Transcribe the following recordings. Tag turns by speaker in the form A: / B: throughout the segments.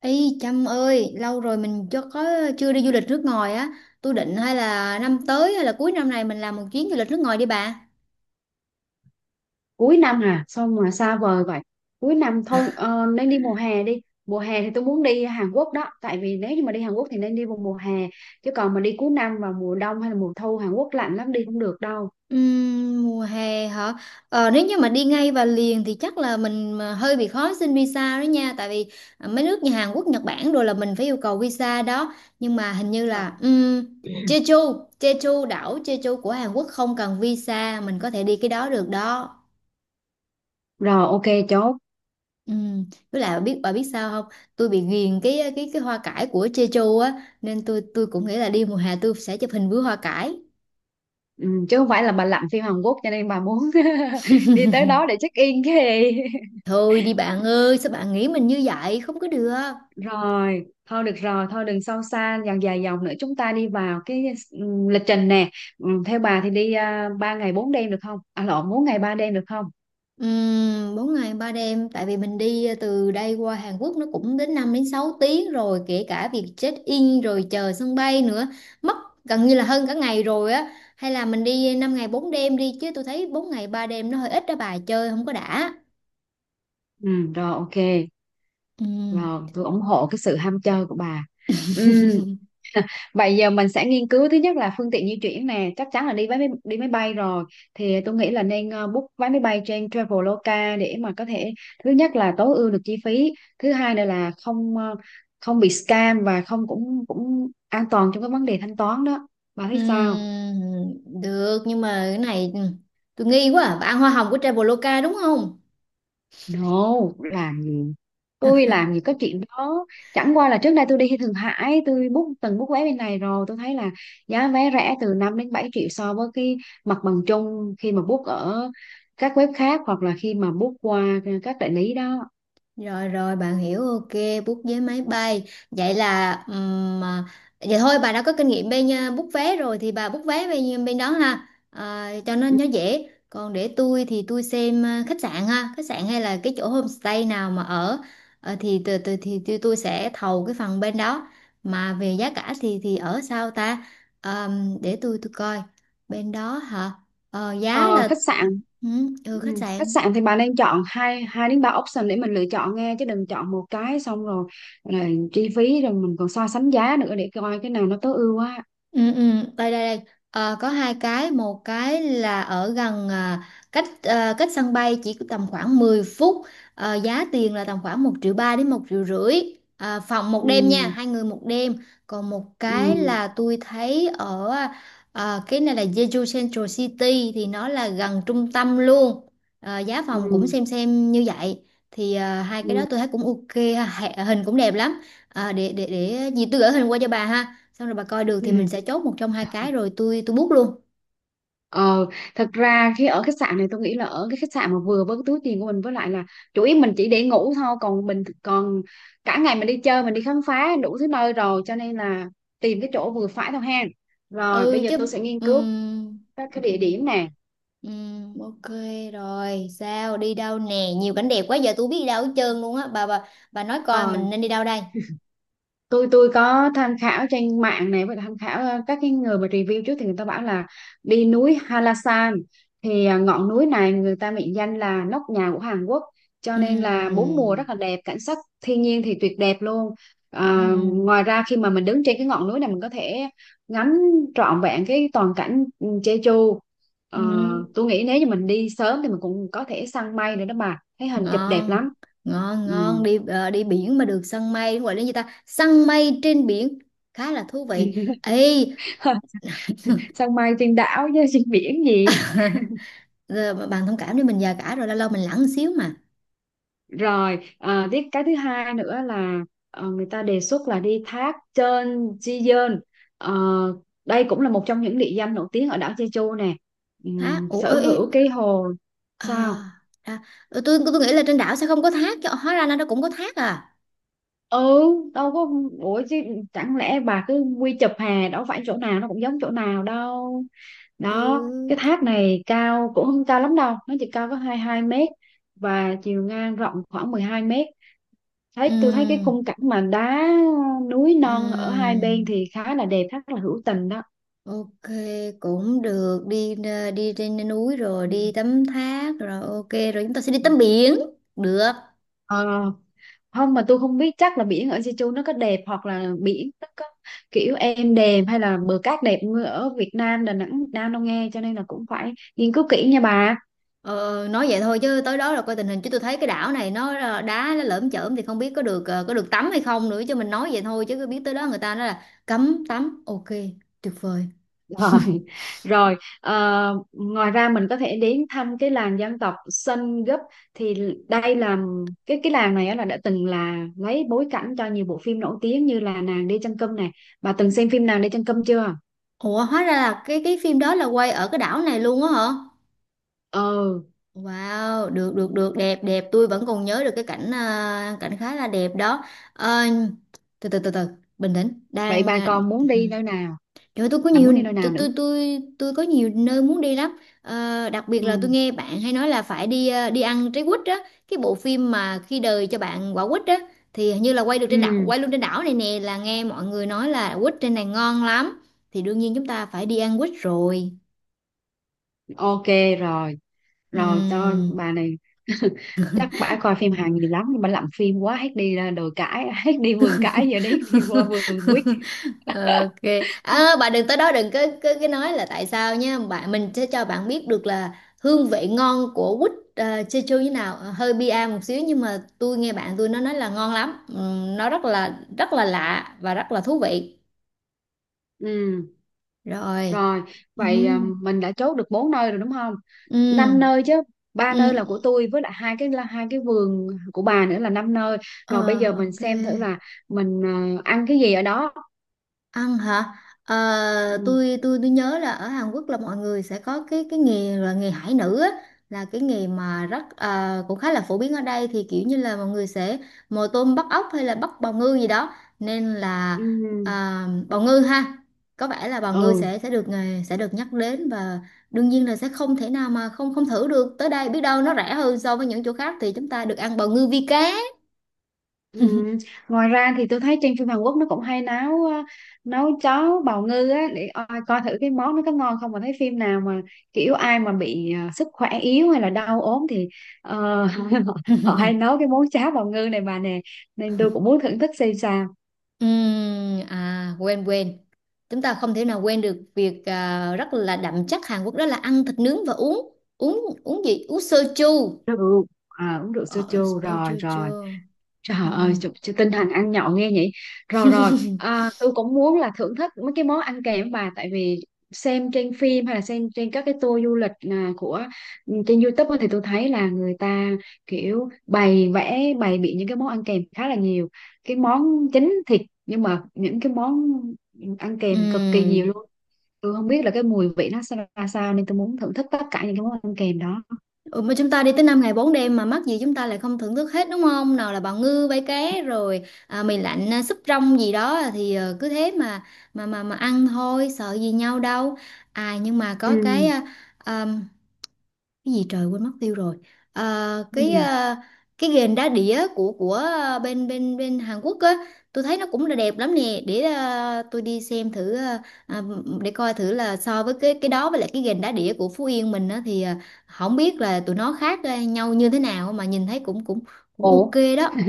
A: Ý Trâm ơi, lâu rồi mình chưa đi du lịch nước ngoài á. Tôi định hay là năm tới hay là cuối năm này mình làm một chuyến du lịch nước ngoài đi bà.
B: Cuối năm à? Sao mà xa vời vậy? Cuối năm thôi, nên đi mùa hè. Đi mùa hè thì tôi muốn đi Hàn Quốc đó, tại vì nếu như mà đi Hàn Quốc thì nên đi vào mùa hè, chứ còn mà đi cuối năm vào mùa đông hay là mùa thu Hàn Quốc lạnh lắm, đi không được đâu.
A: Mùa hè hả? Ờ, nếu như mà đi ngay và liền thì chắc là mình mà hơi bị khó xin visa đó nha, tại vì mấy nước như Hàn Quốc, Nhật Bản rồi là mình phải yêu cầu visa đó. Nhưng mà hình như
B: Ờ.
A: là Jeju, Jeju đảo Jeju của Hàn Quốc không cần visa, mình có thể đi cái đó được đó.
B: Rồi, ok, chốt.
A: Ừ, với lại bà biết sao không, tôi bị ghiền cái hoa cải của Jeju á, nên tôi cũng nghĩ là đi mùa hè tôi sẽ chụp hình với hoa cải.
B: Ừ, chứ không phải là bà lặn phim Hàn Quốc cho nên bà muốn đi tới đó để check in cái gì?
A: Thôi đi bạn ơi, sao bạn nghĩ mình như vậy, không có được.
B: Rồi thôi được rồi, thôi đừng sâu xa dòng dài dòng nữa, chúng ta đi vào cái, ừ, lịch trình nè. Ừ, theo bà thì đi 3 ngày 4 đêm được không? À lộn, 4 ngày 3 đêm được không?
A: 4 ngày ba đêm, tại vì mình đi từ đây qua Hàn Quốc nó cũng đến 5 đến 6 tiếng rồi, kể cả việc check in rồi chờ sân bay nữa mất gần như là hơn cả ngày rồi á. Hay là mình đi 5 ngày 4 đêm đi, chứ tôi thấy 4 ngày 3 đêm nó hơi ít đó, bà chơi không có đã.
B: Ừ, rồi, ok.
A: Ừ.
B: Rồi, tôi ủng hộ cái sự ham chơi của bà. Ừ, vậy giờ mình sẽ nghiên cứu, thứ nhất là phương tiện di chuyển nè, chắc chắn là đi máy bay rồi. Thì tôi nghĩ là nên book vé máy bay trên Traveloka để mà có thể thứ nhất là tối ưu được chi phí, thứ hai nữa là không không bị scam, và không cũng cũng an toàn trong cái vấn đề thanh toán đó. Bà thấy sao?
A: Được, nhưng mà cái này, ừ, tôi nghi quá à. Bạn ăn hoa hồng của Traveloka đúng không?
B: No, làm gì? Tôi làm gì có chuyện đó. Chẳng qua là trước đây tôi đi Thượng Hải, tôi book, book vé bên này rồi, tôi thấy là giá vé rẻ từ 5 đến 7 triệu so với cái mặt bằng chung khi mà book ở các web khác hoặc là khi mà book qua các đại lý đó.
A: Rồi rồi, bạn hiểu, ok. Book vé máy bay vậy là vậy thôi bà đã có kinh nghiệm bên book vé rồi thì bà book vé bên bên đó ha. À, cho nên nó dễ, còn để tôi thì tôi xem khách sạn ha, khách sạn hay là cái chỗ homestay nào mà ở. Ờ, thì từ từ thì tôi sẽ thầu cái phần bên đó, mà về giá cả thì ở sao ta. Để tôi coi bên đó hả. Ờ, giá
B: Ờ,
A: là,
B: khách sạn.
A: ừ, ừ,
B: Ừ,
A: khách
B: khách
A: sạn.
B: sạn thì bà nên chọn hai hai đến ba option để mình lựa chọn nghe, chứ đừng chọn một cái xong rồi là chi phí, rồi mình còn so sánh giá nữa để coi cái nào nó tối ưu á.
A: Ừ, ừ, đây đây đây Ờ, có 2 cái. Một cái là ở gần, cách, cách sân bay chỉ có tầm khoảng 10 phút. Ờ, giá tiền là tầm khoảng 1,3 triệu đến 1,5 triệu phòng một
B: Ừ,
A: đêm nha, 2 người 1 đêm. Còn một
B: ừ,
A: cái là tôi thấy ở, cái này là Jeju Central City, thì nó là gần trung tâm luôn. Ờ, giá
B: ừ.
A: phòng cũng xem như vậy. Thì hai cái đó
B: Ừ.
A: tôi thấy cũng ok ha, hình cũng đẹp lắm. À, để gì tôi gửi hình qua cho bà ha, xong rồi bà coi được thì mình sẽ chốt một trong hai cái, rồi tôi book luôn.
B: Ờ, thật ra khi ở khách sạn này tôi nghĩ là ở cái khách sạn mà vừa với cái túi tiền của mình, với lại là chủ yếu mình chỉ để ngủ thôi, còn mình còn cả ngày mình đi chơi, mình đi khám phá đủ thứ nơi rồi, cho nên là tìm cái chỗ vừa phải thôi ha. Rồi
A: Ừ
B: bây giờ
A: chứ.
B: tôi sẽ nghiên cứu
A: Ừm,
B: các cái địa
A: ừm,
B: điểm nè.
A: ok. Rồi sao, đi đâu nè, nhiều cảnh đẹp quá, giờ tôi biết đi đâu hết trơn luôn á. Bà nói coi mình nên đi đâu đây.
B: Tôi có tham khảo trên mạng này, và tham khảo các cái người mà review trước thì người ta bảo là đi núi Halasan. Thì ngọn núi này người ta mệnh danh là nóc nhà của Hàn Quốc, cho nên là bốn mùa
A: Ừm,
B: rất là đẹp, cảnh sắc thiên nhiên thì tuyệt đẹp luôn. À,
A: ừm,
B: ngoài ra khi mà mình đứng trên cái ngọn núi này mình có thể ngắm trọn vẹn cái toàn cảnh, ừ, Jeju. Ờ,
A: ừm.
B: tôi nghĩ nếu như mình đi sớm thì mình cũng có thể săn mây nữa đó, mà thấy hình chụp đẹp
A: Ngon.
B: lắm.
A: ngon
B: Ừ.
A: ngon đi. Ờ, đi biển mà được săn mây gọi là gì ta, săn mây trên biển khá là thú vị ê.
B: Săn mây trên đảo chứ trên biển gì.
A: giờ bạn thông cảm đi, mình già cả rồi, lâu lâu mình lẳng xíu mà.
B: Rồi, à, tiếp cái thứ hai nữa là, người ta đề xuất là đi thác Cheon Chi yeon. Ờ, đây cũng là một trong những địa danh nổi tiếng ở đảo Jeju nè.
A: Hả, ủa,
B: Sở
A: ê,
B: hữu cái hồ.
A: à,
B: Sao?
A: à, ừ, tôi nghĩ là trên đảo sẽ không có thác, chứ hóa ra là nó cũng có thác à.
B: Ừ, đâu có. Ủa chứ chẳng lẽ bà cứ quy chụp hè, đâu phải chỗ nào nó cũng giống chỗ nào đâu. Đó, cái
A: Ừ.
B: thác này cao cũng không cao lắm đâu, nó chỉ cao có hai hai mét và chiều ngang rộng khoảng 12 mét. Tôi thấy cái
A: Ừm,
B: khung cảnh mà đá núi non ở hai bên
A: ừm,
B: thì khá là đẹp, rất là hữu tình đó.
A: ok. Cũng được, đi ờ, đi trên núi rồi
B: Ừ.
A: đi tắm thác rồi ok rồi chúng ta sẽ đi tắm biển được.
B: Ờ, không mà tôi không biết chắc là biển ở Jeju nó có đẹp, hoặc là biển nó có kiểu êm đềm hay là bờ cát đẹp như ở Việt Nam, Đà Nẵng Việt Nam đâu nghe, cho nên là cũng phải nghiên cứu kỹ nha bà.
A: Ờ, nói vậy thôi, chứ tới đó là coi tình hình, chứ tôi thấy cái đảo này nó là đá, nó lởm chởm thì không biết có được, ờ, có được tắm hay không nữa. Chứ mình nói vậy thôi, chứ cứ biết tới đó người ta nói là cấm tắm, ok, tuyệt vời.
B: Rồi, rồi ngoài ra mình có thể đến thăm cái làng dân tộc Sun Gấp. Thì đây là cái làng này á là đã từng là lấy bối cảnh cho nhiều bộ phim nổi tiếng như là Nàng đi chân cơm này. Bà từng xem phim Nàng đi chân cơm chưa?
A: Ủa, hóa ra là cái phim đó là quay ở cái đảo này luôn á hả?
B: Ừ,
A: Wow, được được được đẹp đẹp, tôi vẫn còn nhớ được cái cảnh, cảnh khá là đẹp đó. Ờ, từ từ từ từ, bình tĩnh,
B: vậy
A: đang
B: bà còn muốn đi nơi nào?
A: trời ơi, tôi có
B: Bà
A: nhiều,
B: muốn đi nơi nào
A: tôi
B: nữa?
A: tôi tôi tôi có nhiều nơi muốn đi lắm. Ờ, đặc biệt là tôi
B: Ừ,
A: nghe bạn hay nói là phải đi, đi ăn trái quýt á, cái bộ phim mà khi đời cho bạn quả quýt á thì hình như là quay được trên đảo,
B: ừ,
A: quay luôn trên đảo này nè, là nghe mọi người nói là quýt trên này ngon lắm. Thì đương nhiên chúng ta phải đi ăn quýt rồi.
B: ok. Rồi, rồi cho
A: Ừm.
B: bà này. Chắc bả coi phim Hàn nhiều lắm nhưng bà làm phim quá, hết đi ra đồi cãi hết đi vườn cãi giờ đấy đi qua vườn quýt.
A: ok. À, bạn đừng tới đó đừng có cái nói là tại sao nhé, bạn mình sẽ cho bạn biết được là hương vị ngon của quýt, Jeju như nào. Ờ, hơi bia một xíu, nhưng mà tôi nghe bạn tôi nó nói là ngon lắm. Nó rất là lạ và rất là thú vị.
B: Ừ,
A: Rồi.
B: rồi. Vậy à,
A: Ừm,
B: mình đã chốt được bốn nơi rồi đúng không? Năm
A: ừm,
B: nơi chứ. Ba nơi
A: ừm.
B: là của tôi với lại hai cái là hai cái vườn của bà nữa là năm nơi.
A: Ờ,
B: Rồi bây giờ mình
A: ok.
B: xem thử là mình, à, ăn cái gì ở đó.
A: Ăn hả? Ờ,
B: Ừ.
A: tôi nhớ là ở Hàn Quốc là mọi người sẽ có cái nghề là nghề hải nữ á, là cái nghề mà rất ờ, cũng khá là phổ biến ở đây, thì kiểu như là mọi người sẽ mồi tôm bắt ốc hay là bắt bào ngư gì đó, nên là,
B: Ừ,
A: à, bào ngư ha, có vẻ là bào ngư
B: ừ.
A: sẽ được, nghề sẽ được nhắc đến. Và đương nhiên là sẽ không thể nào mà không không thử được, tới đây biết đâu nó rẻ hơn so với những chỗ khác thì chúng ta được ăn bào ngư vi cá.
B: Ừ. Ngoài ra thì tôi thấy trên phim Hàn Quốc nó cũng hay nấu, nấu cháo bào ngư á, để coi, coi thử cái món nó có ngon không, mà thấy phim nào mà kiểu ai mà bị, sức khỏe yếu hay là đau ốm thì, ờ, họ, họ hay nấu cái món cháo bào ngư này bà nè, nên tôi cũng muốn thưởng thức xem sao.
A: À, quên quên, chúng ta không thể nào quên được việc rất là đậm chất Hàn Quốc, đó là ăn thịt nướng và uống uống uống gì, uống soju.
B: Rượu à, uống rượu
A: Ờ,
B: soju
A: ờ,
B: rồi
A: chưa
B: rồi.
A: chưa.
B: Trời ơi,
A: Ừm.
B: chị tinh thần ăn nhậu nghe nhỉ. Rồi rồi, à, tôi cũng muốn là thưởng thức mấy cái món ăn kèm bà, tại vì xem trên phim hay là xem trên các cái tour du lịch, à, của, ừ, trên YouTube á, thì tôi thấy là người ta kiểu bày vẽ bày biện những cái món ăn kèm khá là nhiều. Cái món chính thịt, nhưng mà những cái món ăn kèm cực kỳ nhiều
A: Ừm.
B: luôn. Tôi không biết là cái mùi vị nó ra sao nên tôi muốn thưởng thức tất cả những cái món ăn kèm đó.
A: Ừ, mà chúng ta đi tới 5 ngày 4 đêm mà mắc gì chúng ta lại không thưởng thức hết, đúng không? Nào là bào ngư, bay cá, rồi mì lạnh, súp rong gì đó, thì ờ, cứ thế mà mà ăn thôi, sợ gì nhau đâu. À, nhưng mà
B: Ừ.
A: có cái, à, cái gì, trời, quên mất tiêu rồi, à,
B: Cái
A: cái,
B: gì?
A: cái ghềnh đá đĩa của bên bên bên Hàn Quốc á, tôi thấy nó cũng là đẹp lắm nè, để tôi đi xem thử, để coi thử là so với cái đó với lại cái ghềnh đá đĩa của Phú Yên mình á, thì không biết là tụi nó khác, nhau như thế nào, mà nhìn thấy cũng cũng cũng
B: Ủa.
A: ok đó.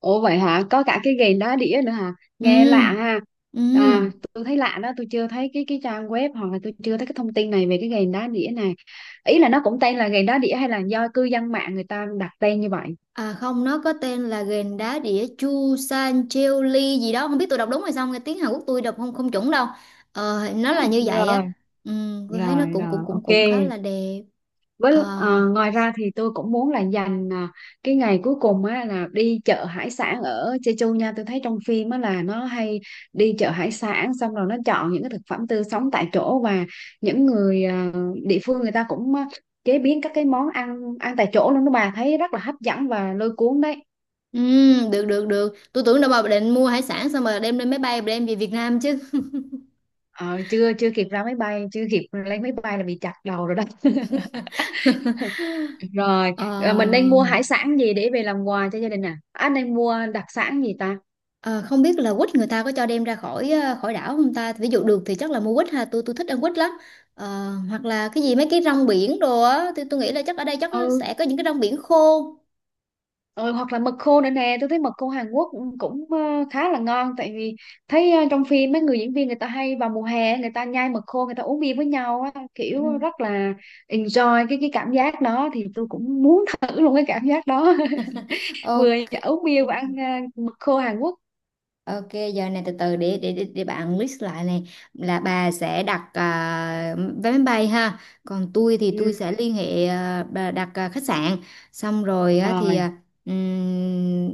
B: Ủa vậy hả? Có cả cái gành đá đĩa nữa hả?
A: Ừ.
B: Nghe lạ ha.
A: Ừ.
B: À, tôi thấy lạ đó, tôi chưa thấy cái trang web, hoặc là tôi chưa thấy cái thông tin này về cái gành đá đĩa này. Ý là nó cũng tên là gành đá đĩa hay là do cư dân mạng người ta đặt tên như vậy?
A: À không, nó có tên là ghền đá đĩa Chu San Cheo Li gì đó, không biết tôi đọc đúng hay không, nghe tiếng Hàn Quốc tôi đọc không không chuẩn đâu. Ờ, nó là như vậy
B: Rồi,
A: á. Ừ, tôi thấy nó
B: rồi,
A: cũng cũng
B: rồi,
A: cũng
B: ok.
A: cũng khá là đẹp.
B: Với
A: Ờ,
B: ngoài ra thì tôi cũng muốn là dành, à, cái ngày cuối cùng á là đi chợ hải sản ở Jeju nha. Tôi thấy trong phim á là nó hay đi chợ hải sản xong rồi nó chọn những cái thực phẩm tươi sống tại chỗ, và những người, à, địa phương người ta cũng, à, chế biến các cái món ăn ăn tại chỗ luôn đó bà, thấy rất là hấp dẫn và lôi cuốn đấy.
A: ừ, được được được. Tôi tưởng đâu mà định mua hải sản xong mà đem lên máy bay đem về Việt Nam chứ.
B: Ờ, chưa chưa kịp ra máy bay, chưa kịp lên máy bay là bị chặt đầu rồi đó. Rồi,
A: Ờ.
B: mình nên mua hải sản gì để về làm quà cho gia đình, à anh nên mua đặc sản gì ta.
A: Ờ, không biết là quýt người ta có cho đem ra khỏi, ờ, khỏi đảo không ta, ví dụ được thì chắc là mua quýt ha, tôi thích ăn quýt lắm. Ờ, hoặc là cái gì, mấy cái rong biển đồ á, tôi nghĩ là chắc ở đây chắc
B: Ừ.
A: sẽ có những cái rong biển khô.
B: Ừ, hoặc là mực khô nữa nè, tôi thấy mực khô Hàn Quốc cũng cũng, ờ, khá là ngon, tại vì thấy, trong phim mấy người diễn viên người ta hay vào mùa hè người ta nhai mực khô, người ta uống bia với nhau á,
A: Ừ.
B: kiểu rất là enjoy cái cảm giác đó, thì tôi cũng muốn thử luôn cái cảm giác đó. Vừa
A: Ok.
B: uống bia và ăn, mực khô Hàn Quốc.
A: Ok, giờ này từ từ, để bạn list lại này, là bà sẽ đặt vé máy bay ha, còn tôi thì
B: Ừ,
A: tôi sẽ liên hệ, bà đặt khách sạn, xong rồi á, thì
B: rồi.
A: ừm,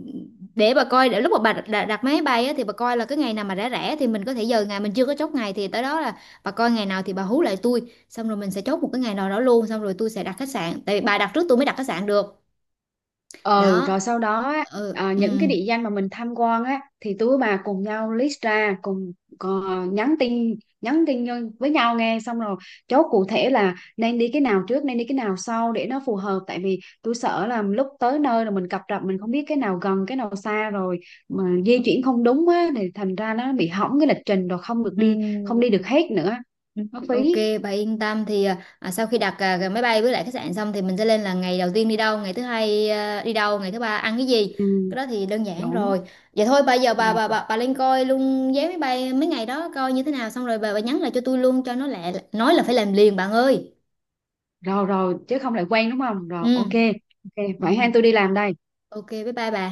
A: để bà coi, để lúc mà bà đặt, đặt máy bay á, thì bà coi là cái ngày nào mà rẻ rẻ thì mình có thể, giờ ngày mình chưa có chốt ngày thì tới đó là bà coi ngày nào thì bà hú lại tôi, xong rồi mình sẽ chốt một cái ngày nào đó luôn, xong rồi tôi sẽ đặt khách sạn, tại vì bà đặt trước tôi mới đặt khách sạn được,
B: Ừ
A: đó,
B: rồi sau đó á,
A: ừ,
B: à, những cái
A: ừm.
B: địa danh mà mình tham quan á thì tụi bà cùng nhau list ra, cùng, ờ, nhắn tin nhắn tin với nhau nghe, xong rồi chốt cụ thể là nên đi cái nào trước, nên đi cái nào sau, để nó phù hợp, tại vì tôi sợ là lúc tới nơi rồi mình cập rập, mình không biết cái nào gần cái nào xa, rồi mà di chuyển không đúng á thì thành ra nó bị hỏng cái lịch trình, rồi không được
A: Ừ.
B: đi, không đi được hết nữa,
A: Ừ.
B: nó
A: Ok,
B: phí.
A: bà yên tâm, thì sau khi đặt, cái máy bay với lại khách sạn xong, thì mình sẽ lên là ngày đầu tiên đi đâu, ngày thứ hai đi đâu, ngày thứ ba ăn cái gì.
B: Ừ,
A: Cái đó thì đơn giản
B: đúng
A: rồi. Vậy thôi bây giờ bà
B: rồi.
A: bà bà, bà lên coi luôn vé máy bay mấy ngày đó coi như thế nào, xong rồi bà nhắn lại cho tôi luôn cho nó lẹ, nói là phải làm liền bạn ơi.
B: Rồi rồi, chứ không lại quen đúng không? Rồi, ok.
A: Ừ.
B: Ok,
A: Ừ.
B: vậy hai tôi đi làm đây.
A: Ok, bye bye bà.